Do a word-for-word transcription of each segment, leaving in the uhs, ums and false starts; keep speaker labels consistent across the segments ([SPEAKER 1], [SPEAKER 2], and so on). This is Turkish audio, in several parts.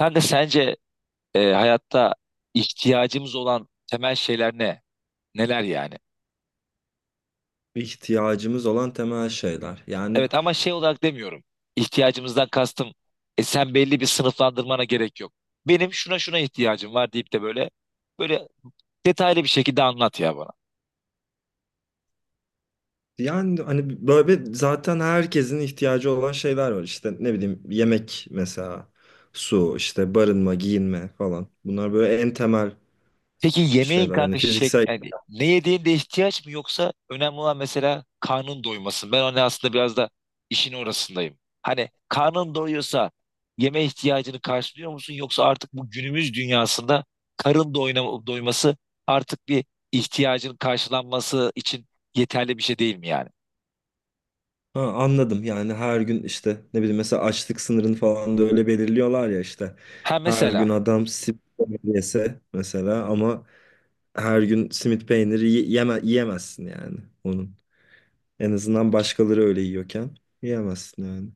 [SPEAKER 1] Sen de sence e, hayatta ihtiyacımız olan temel şeyler ne? Neler yani?
[SPEAKER 2] İhtiyacımız olan temel şeyler. Yani
[SPEAKER 1] Evet ama şey olarak demiyorum. İhtiyacımızdan kastım e, sen belli bir sınıflandırmana gerek yok. Benim şuna şuna ihtiyacım var deyip de böyle böyle detaylı bir şekilde anlat ya bana.
[SPEAKER 2] yani hani böyle zaten herkesin ihtiyacı olan şeyler var. İşte ne bileyim yemek mesela, su, işte barınma, giyinme falan. Bunlar böyle en temel
[SPEAKER 1] Peki yemeğin
[SPEAKER 2] şeyler. Hani
[SPEAKER 1] kanka şey,
[SPEAKER 2] fiziksel.
[SPEAKER 1] yani ne yediğinde ihtiyaç mı yoksa önemli olan mesela karnın doyması. Ben hani aslında biraz da işin orasındayım. Hani karnın doyuyorsa yeme ihtiyacını karşılıyor musun yoksa artık bu günümüz dünyasında karın doyna- doyması artık bir ihtiyacın karşılanması için yeterli bir şey değil mi yani?
[SPEAKER 2] Ha, anladım. Yani her gün işte ne bileyim mesela açlık sınırını falan da öyle belirliyorlar ya işte.
[SPEAKER 1] Ha
[SPEAKER 2] Her gün
[SPEAKER 1] mesela.
[SPEAKER 2] adam simit peynir yese mesela ama her gün simit peyniri yeme yiyemezsin yani onun. En azından başkaları öyle yiyorken yiyemezsin yani.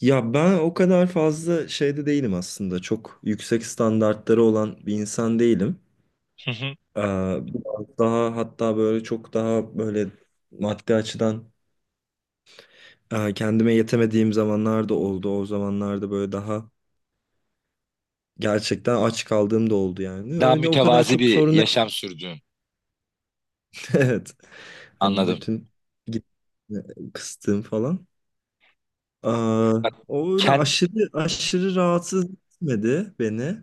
[SPEAKER 2] Ya ben o kadar fazla şeyde değilim aslında. Çok yüksek standartları olan bir insan değilim.
[SPEAKER 1] Hı hı.
[SPEAKER 2] Ee, Biraz daha hatta böyle çok daha böyle maddi açıdan e, kendime yetemediğim zamanlar da oldu. O zamanlarda böyle daha gerçekten aç kaldığım da oldu yani.
[SPEAKER 1] Daha
[SPEAKER 2] Öyle o kadar
[SPEAKER 1] mütevazi
[SPEAKER 2] çok
[SPEAKER 1] bir
[SPEAKER 2] sorun.
[SPEAKER 1] yaşam sürdüğün,
[SPEAKER 2] Evet. Hani
[SPEAKER 1] anladım.
[SPEAKER 2] bütün git- e, kıstığım falan. Aa,
[SPEAKER 1] Bak,
[SPEAKER 2] O öyle
[SPEAKER 1] kend-
[SPEAKER 2] aşırı aşırı rahatsız etmedi beni.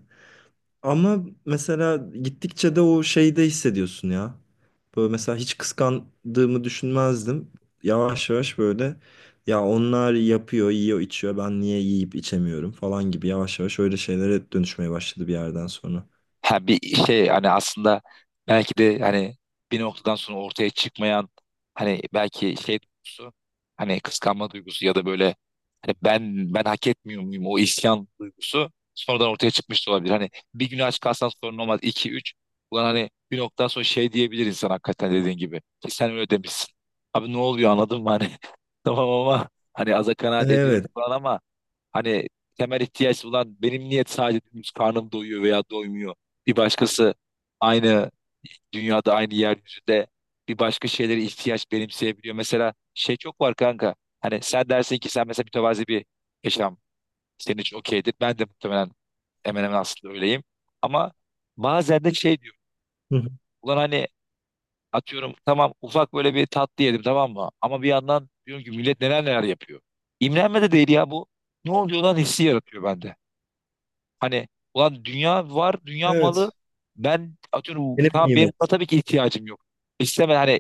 [SPEAKER 2] Ama mesela gittikçe de o şeyi de hissediyorsun ya. Böyle mesela hiç kıskandığımı düşünmezdim. Yavaş yavaş böyle ya onlar yapıyor, yiyor, içiyor. Ben niye yiyip içemiyorum falan gibi yavaş yavaş öyle şeylere dönüşmeye başladı bir yerden sonra.
[SPEAKER 1] ha bir şey, hani aslında belki de hani bir noktadan sonra ortaya çıkmayan hani belki şey duygusu, hani kıskanma duygusu ya da böyle hani ben ben hak etmiyor muyum, o isyan duygusu sonradan ortaya çıkmış da olabilir. Hani bir gün aç kalsan sorun olmaz. İki üç, ulan hani bir noktadan sonra şey diyebilir insan hakikaten dediğin gibi. Ki sen öyle demişsin. Abi ne oluyor anladın mı hani tamam ama hani aza kanaat ediyorum
[SPEAKER 2] Evet.
[SPEAKER 1] falan ama. Hani temel ihtiyaç olan benim niyet sadece dümdüz karnım doyuyor veya doymuyor. Bir başkası aynı dünyada, aynı yeryüzünde bir başka şeylere ihtiyaç benimseyebiliyor. Mesela şey çok var kanka. Hani sen dersin ki sen mesela mütevazi bir yaşam senin için okeydir. Ben de muhtemelen hemen hemen aslında öyleyim. Ama bazen de şey diyorum.
[SPEAKER 2] Hı hı.
[SPEAKER 1] Ulan hani atıyorum, tamam, ufak böyle bir tatlı yedim, tamam mı? Ama bir yandan diyorum ki millet neler neler yapıyor. İmrenme de değil ya bu. Ne oluyor lan hissi yaratıyor bende. Hani ulan dünya var, dünya malı.
[SPEAKER 2] Evet.
[SPEAKER 1] Ben atıyorum,
[SPEAKER 2] Benim
[SPEAKER 1] tamam, benim buna
[SPEAKER 2] nimet.
[SPEAKER 1] tabii ki ihtiyacım yok. İstemem hani,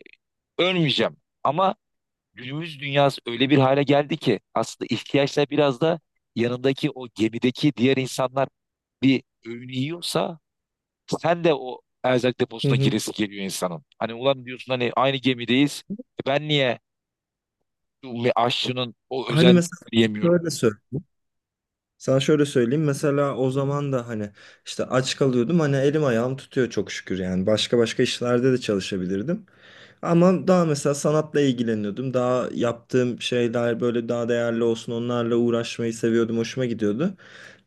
[SPEAKER 1] ölmeyeceğim. Ama günümüz dünyası öyle bir hale geldi ki aslında ihtiyaçlar biraz da yanındaki o gemideki diğer insanlar bir öğün yiyorsa sen de o erzak
[SPEAKER 2] Hı
[SPEAKER 1] deposuna
[SPEAKER 2] hı.
[SPEAKER 1] giresi geliyor insanın. Hani ulan diyorsun, hani aynı gemideyiz. E, Ben niye bu ve aşçının o
[SPEAKER 2] Hani
[SPEAKER 1] özel
[SPEAKER 2] mesela
[SPEAKER 1] yemiyorum?
[SPEAKER 2] şöyle söyle. Sana şöyle söyleyeyim mesela o zaman da hani işte aç kalıyordum, hani elim ayağım tutuyor çok şükür yani başka başka işlerde de çalışabilirdim. Ama daha mesela sanatla ilgileniyordum, daha yaptığım şeyler böyle daha değerli olsun onlarla uğraşmayı seviyordum, hoşuma gidiyordu.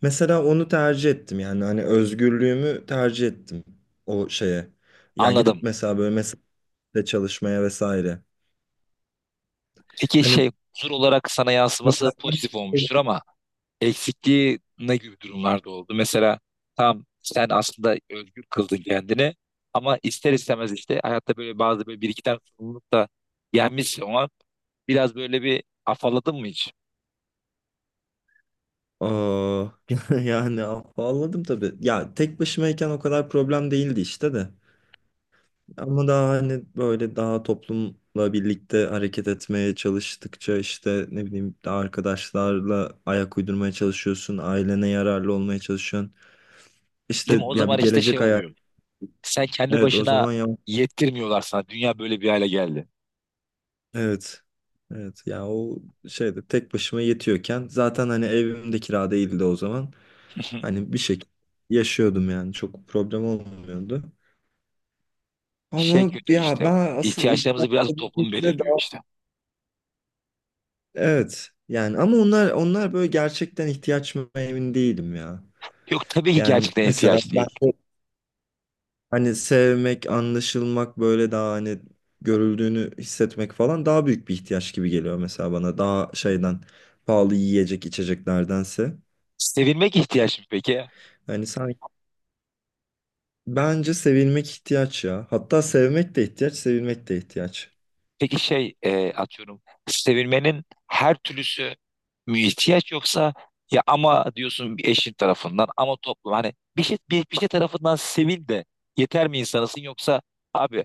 [SPEAKER 2] Mesela onu tercih ettim yani hani özgürlüğümü tercih ettim o şeye. Yani gidip
[SPEAKER 1] Anladım.
[SPEAKER 2] mesela böyle mesela çalışmaya vesaire.
[SPEAKER 1] Peki
[SPEAKER 2] Hani
[SPEAKER 1] şey, huzur olarak sana yansıması
[SPEAKER 2] mesela
[SPEAKER 1] pozitif olmuştur ama eksikliği ne gibi durumlarda oldu? Mesela tam sen aslında özgür kıldın kendini ama ister istemez işte hayatta böyle bazı, böyle bir iki tane sorumluluk da gelmiş ama biraz böyle bir afalladın mı hiç?
[SPEAKER 2] Aa, yani ağladım tabii. Ya tek başımayken o kadar problem değildi işte de. Ama daha hani böyle daha toplumla birlikte hareket etmeye çalıştıkça işte ne bileyim daha arkadaşlarla ayak uydurmaya çalışıyorsun. Ailene yararlı olmaya çalışıyorsun.
[SPEAKER 1] Değil mi?
[SPEAKER 2] İşte
[SPEAKER 1] O
[SPEAKER 2] ya
[SPEAKER 1] zaman
[SPEAKER 2] bir
[SPEAKER 1] işte şey
[SPEAKER 2] gelecek hayal.
[SPEAKER 1] oluyor. Sen kendi
[SPEAKER 2] Evet o
[SPEAKER 1] başına
[SPEAKER 2] zaman ya
[SPEAKER 1] yettirmiyorlar sana. Dünya böyle bir hale geldi.
[SPEAKER 2] evet. Evet ya o şeyde tek başıma yetiyorken zaten hani evimde kira değildi o zaman. Hani bir şekilde yaşıyordum yani çok problem olmuyordu.
[SPEAKER 1] Şey
[SPEAKER 2] Ama
[SPEAKER 1] kötü
[SPEAKER 2] ya
[SPEAKER 1] işte.
[SPEAKER 2] ben asıl ihtiyaç
[SPEAKER 1] İhtiyaçlarımızı biraz toplum
[SPEAKER 2] dediğimizde
[SPEAKER 1] belirliyor
[SPEAKER 2] daha
[SPEAKER 1] işte.
[SPEAKER 2] evet yani, ama onlar onlar böyle gerçekten ihtiyaç mı emin değilim ya.
[SPEAKER 1] Yok tabii ki
[SPEAKER 2] Yani
[SPEAKER 1] gerçekten
[SPEAKER 2] mesela
[SPEAKER 1] ihtiyaç
[SPEAKER 2] ben
[SPEAKER 1] değil.
[SPEAKER 2] de hani sevmek, anlaşılmak böyle daha hani görüldüğünü hissetmek falan daha büyük bir ihtiyaç gibi geliyor mesela bana. Daha şeyden pahalı yiyecek içeceklerdense.
[SPEAKER 1] Sevilmek ihtiyaç mı peki?
[SPEAKER 2] Hani sanki bence sevilmek ihtiyaç ya. Hatta sevmek de ihtiyaç, sevilmek de ihtiyaç.
[SPEAKER 1] Peki şey, e, atıyorum sevilmenin her türlüsü mü ihtiyaç, yoksa ya ama diyorsun bir eşin tarafından ama toplum, hani bir şey, bir, bir şey tarafından sevil de yeter mi insanısın, yoksa abi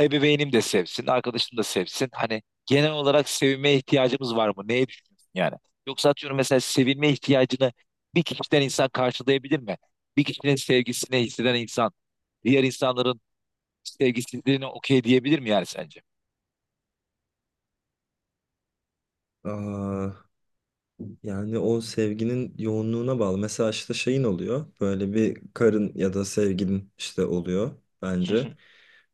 [SPEAKER 1] ebeveynim de sevsin, arkadaşım da sevsin, hani genel olarak sevilmeye ihtiyacımız var mı neye düşünüyorsun yani, yoksa atıyorum mesela sevilme ihtiyacını bir kişiden insan karşılayabilir mi, bir kişinin sevgisini hisseden insan diğer insanların sevgisizliğine okey diyebilir mi yani sence?
[SPEAKER 2] Aa, Yani o sevginin yoğunluğuna bağlı. Mesela işte şeyin oluyor. Böyle bir karın ya da sevgilin işte oluyor bence.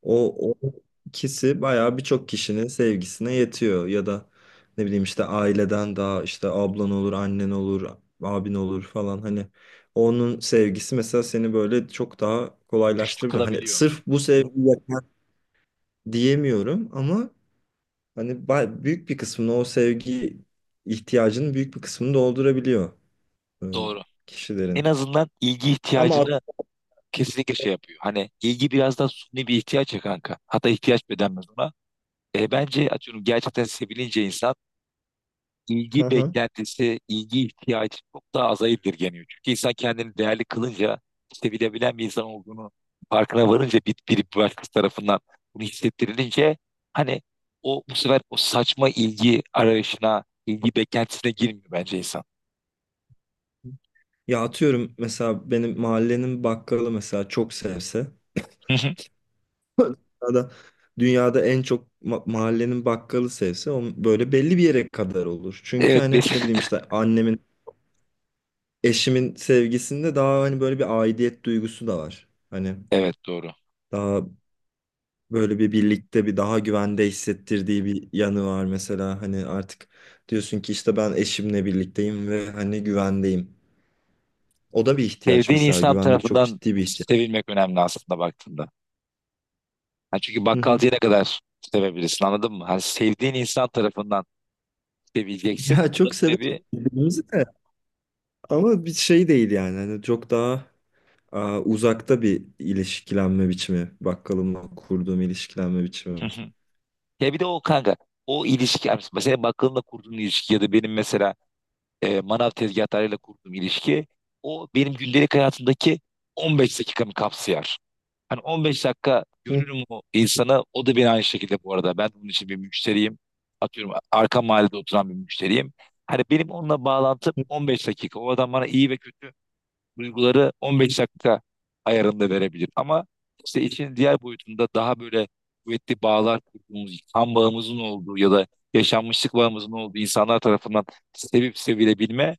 [SPEAKER 2] O, o ikisi bayağı birçok kişinin sevgisine yetiyor. Ya da ne bileyim işte aileden daha işte ablan olur, annen olur, abin olur falan. Hani onun sevgisi mesela seni böyle çok daha
[SPEAKER 1] Güçlü
[SPEAKER 2] kolaylaştırabiliyor. Hani
[SPEAKER 1] kılabiliyor.
[SPEAKER 2] sırf bu sevgi yeter diyemiyorum ama hani ba- büyük bir kısmını o sevgi ihtiyacının büyük bir kısmını doldurabiliyor e,
[SPEAKER 1] Doğru. En
[SPEAKER 2] kişilerin.
[SPEAKER 1] azından ilgi
[SPEAKER 2] Ama at-
[SPEAKER 1] ihtiyacını kesinlikle şey yapıyor. Hani ilgi biraz da suni bir ihtiyaç ya kanka. Hatta ihtiyaç bile denmez ona. E, bence atıyorum gerçekten sevilince insan,
[SPEAKER 2] Hı
[SPEAKER 1] ilgi
[SPEAKER 2] hı.
[SPEAKER 1] beklentisi, ilgi ihtiyacı çok daha aza indirgeniyor. Çünkü insan kendini değerli kılınca, sevilebilen bir insan olduğunu farkına varınca, bir, bir başkası tarafından bunu hissettirilince hani o bu sefer o saçma ilgi arayışına, ilgi beklentisine girmiyor bence insan.
[SPEAKER 2] Ya atıyorum mesela benim mahallenin bakkalı mesela çok sevse dünyada, dünyada en çok ma- mahallenin bakkalı sevse onun böyle belli bir yere kadar olur. Çünkü
[SPEAKER 1] Evet,
[SPEAKER 2] hani ne
[SPEAKER 1] biz-
[SPEAKER 2] bileyim işte annemin, eşimin sevgisinde daha hani böyle bir aidiyet duygusu da var. Hani
[SPEAKER 1] evet doğru.
[SPEAKER 2] daha böyle bir birlikte bir daha güvende hissettirdiği bir yanı var mesela hani artık diyorsun ki işte ben eşimle birlikteyim ve hani güvendeyim. O da bir ihtiyaç
[SPEAKER 1] Sevdiğin
[SPEAKER 2] mesela.
[SPEAKER 1] insan
[SPEAKER 2] Güvenlik çok
[SPEAKER 1] tarafından
[SPEAKER 2] ciddi bir ihtiyaç.
[SPEAKER 1] sevilmek önemli aslında baktığında. Ha çünkü
[SPEAKER 2] Hı hı.
[SPEAKER 1] bakkalcıyı ne kadar sevebilirsin, anladın mı? Hani sevdiğin insan tarafından sevileceksin.
[SPEAKER 2] Ya
[SPEAKER 1] O da
[SPEAKER 2] çok
[SPEAKER 1] ne
[SPEAKER 2] severiz
[SPEAKER 1] bir...
[SPEAKER 2] birbirimizi de ama bir şey değil yani. Hani çok daha aa, uzakta bir ilişkilenme biçimi. Bakkalımla kurduğum ilişkilenme
[SPEAKER 1] Hı
[SPEAKER 2] biçimi.
[SPEAKER 1] hı. Ya bir de o kanka, o ilişki, yani mesela bakkalınla kurduğun ilişki ya da benim mesela e, manav tezgahlarıyla kurduğum ilişki, o benim gündelik hayatımdaki on beş dakikamı kapsıyor. Hani on beş dakika
[SPEAKER 2] Hı
[SPEAKER 1] görürüm o insanı. O da beni aynı şekilde bu arada. Ben bunun için bir müşteriyim. Atıyorum arka mahallede oturan bir müşteriyim. Hani benim onunla bağlantım
[SPEAKER 2] hı.
[SPEAKER 1] on beş dakika. O adam bana iyi ve kötü duyguları on beş dakika ayarında verebilir. Ama işte işin diğer boyutunda daha böyle kuvvetli bağlar kurduğumuz, kan bağımızın olduğu ya da yaşanmışlık bağımızın olduğu insanlar tarafından sevip sevilebilme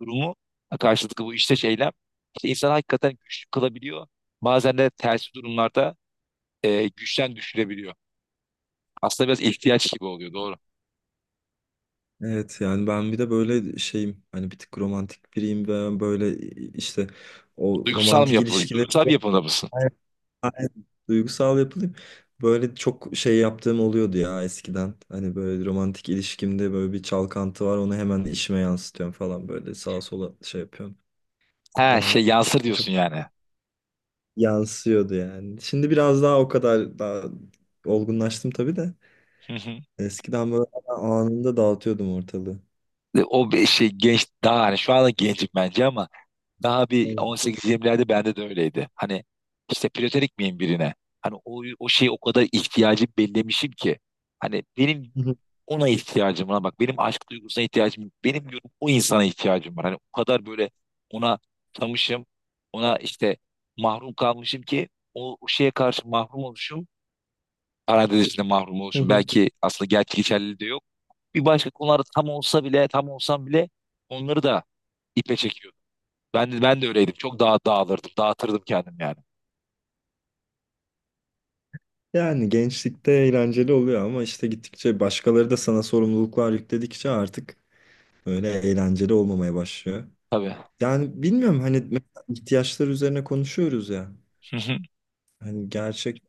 [SPEAKER 1] durumu, karşılıklı bu işte eylem, işte insanı hakikaten güçlü kılabiliyor. Bazen de tersi durumlarda e, güçten düşürebiliyor. Aslında biraz ihtiyaç gibi oluyor, doğru.
[SPEAKER 2] Evet yani ben bir de böyle şeyim, hani bir tık romantik biriyim ve böyle işte o
[SPEAKER 1] Duygusal mı
[SPEAKER 2] romantik
[SPEAKER 1] yapılı?
[SPEAKER 2] ilişkileri.
[SPEAKER 1] Duygusal bir yapıda mısın?
[SPEAKER 2] Aynen. Duygusal yapılayım. Böyle çok şey yaptığım oluyordu ya eskiden. Hani böyle romantik ilişkimde böyle bir çalkantı var. Onu hemen işime yansıtıyorum falan, böyle sağa sola şey yapıyorum.
[SPEAKER 1] He şey
[SPEAKER 2] Daha
[SPEAKER 1] yansır
[SPEAKER 2] çok
[SPEAKER 1] diyorsun yani.
[SPEAKER 2] yansıyordu yani. Şimdi biraz daha o kadar daha olgunlaştım tabii de.
[SPEAKER 1] Hı hı.
[SPEAKER 2] Eskiden böyle anında dağıtıyordum ortalığı.
[SPEAKER 1] E, O bir şey, genç, daha hani şu anda gencim bence ama daha bir
[SPEAKER 2] Aynen.
[SPEAKER 1] on sekiz yirmilerde bende de öyleydi. Hani işte platonik miyim birine? Hani o, o şeyi o kadar ihtiyacım bellemişim ki. Hani benim
[SPEAKER 2] Hı hı.
[SPEAKER 1] ona ihtiyacım var. Bak benim aşk duygusuna ihtiyacım yok. Benim diyorum o insana ihtiyacım var. Hani o kadar böyle ona tanışım, ona işte mahrum kalmışım ki o, o şeye karşı mahrum oluşum. Parantez içinde mahrum
[SPEAKER 2] Hı
[SPEAKER 1] oluşum.
[SPEAKER 2] hı.
[SPEAKER 1] Belki aslında gerçek geçerliliği de yok. Bir başka konularda tam olsa bile tam olsam bile onları da ipe çekiyor. Ben, ben de öyleydim. Çok daha dağılırdım. Dağıtırdım kendim yani.
[SPEAKER 2] Yani gençlikte eğlenceli oluyor ama işte gittikçe başkaları da sana sorumluluklar yükledikçe artık öyle eğlenceli olmamaya başlıyor.
[SPEAKER 1] Tabii.
[SPEAKER 2] Yani bilmiyorum hani mesela ihtiyaçlar üzerine konuşuyoruz ya. Hani gerçek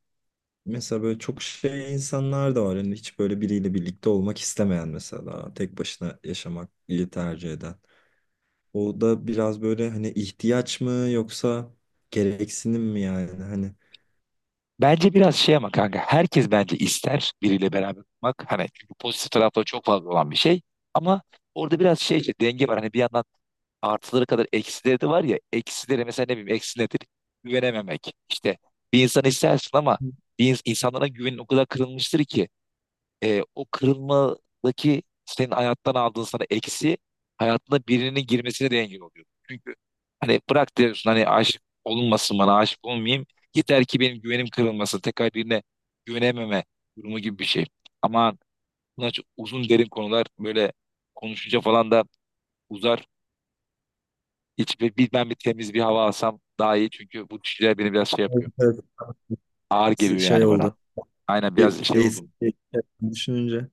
[SPEAKER 2] mesela böyle çok şey insanlar da var. Hani hiç böyle biriyle birlikte olmak istemeyen, mesela tek başına yaşamak iyi tercih eden. O da biraz böyle hani ihtiyaç mı yoksa gereksinim mi yani hani.
[SPEAKER 1] Bence biraz şey ama kanka, herkes bence ister biriyle beraber olmak. Hani çünkü pozitif tarafları çok fazla olan bir şey. Ama orada biraz şey, işte denge var. Hani bir yandan artıları kadar eksileri de var ya. Eksileri mesela, ne bileyim, eksi nedir? Güvenememek. İşte bir insan istersin ama bir ins- insanlara güvenin o kadar kırılmıştır ki. e, o kırılmadaki senin hayattan aldığın sana eksi, hayatına birinin girmesine de engel oluyor. Çünkü hani bırak diyorsun, hani aşık olunmasın, bana aşık olmayayım. Yeter ki benim güvenim kırılmasın. Tekrar birine güvenememe durumu gibi bir şey. Ama bunlar çok uzun derin konular, böyle konuşunca falan da uzar. Hiç bir, bir- ben bir temiz bir hava alsam daha iyi. Çünkü bu düşünceler beni biraz şey
[SPEAKER 2] Evet,
[SPEAKER 1] yapıyor.
[SPEAKER 2] evet.
[SPEAKER 1] Ağır
[SPEAKER 2] S-
[SPEAKER 1] geliyor
[SPEAKER 2] şey
[SPEAKER 1] yani
[SPEAKER 2] oldu.
[SPEAKER 1] bana. Aynen,
[SPEAKER 2] E-
[SPEAKER 1] biraz şey oldum.
[SPEAKER 2] Eski düşününce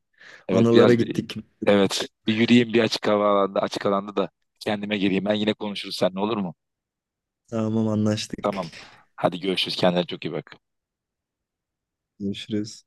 [SPEAKER 1] Evet
[SPEAKER 2] analara
[SPEAKER 1] biraz bir
[SPEAKER 2] gittik.
[SPEAKER 1] evet bir yürüyeyim, bir açık hava alanda, açık alanda da kendime geleyim. Ben yine konuşuruz seninle, olur mu?
[SPEAKER 2] Tamam, anlaştık.
[SPEAKER 1] Tamam. Hadi görüşürüz. Kendine çok iyi bak.
[SPEAKER 2] Görüşürüz.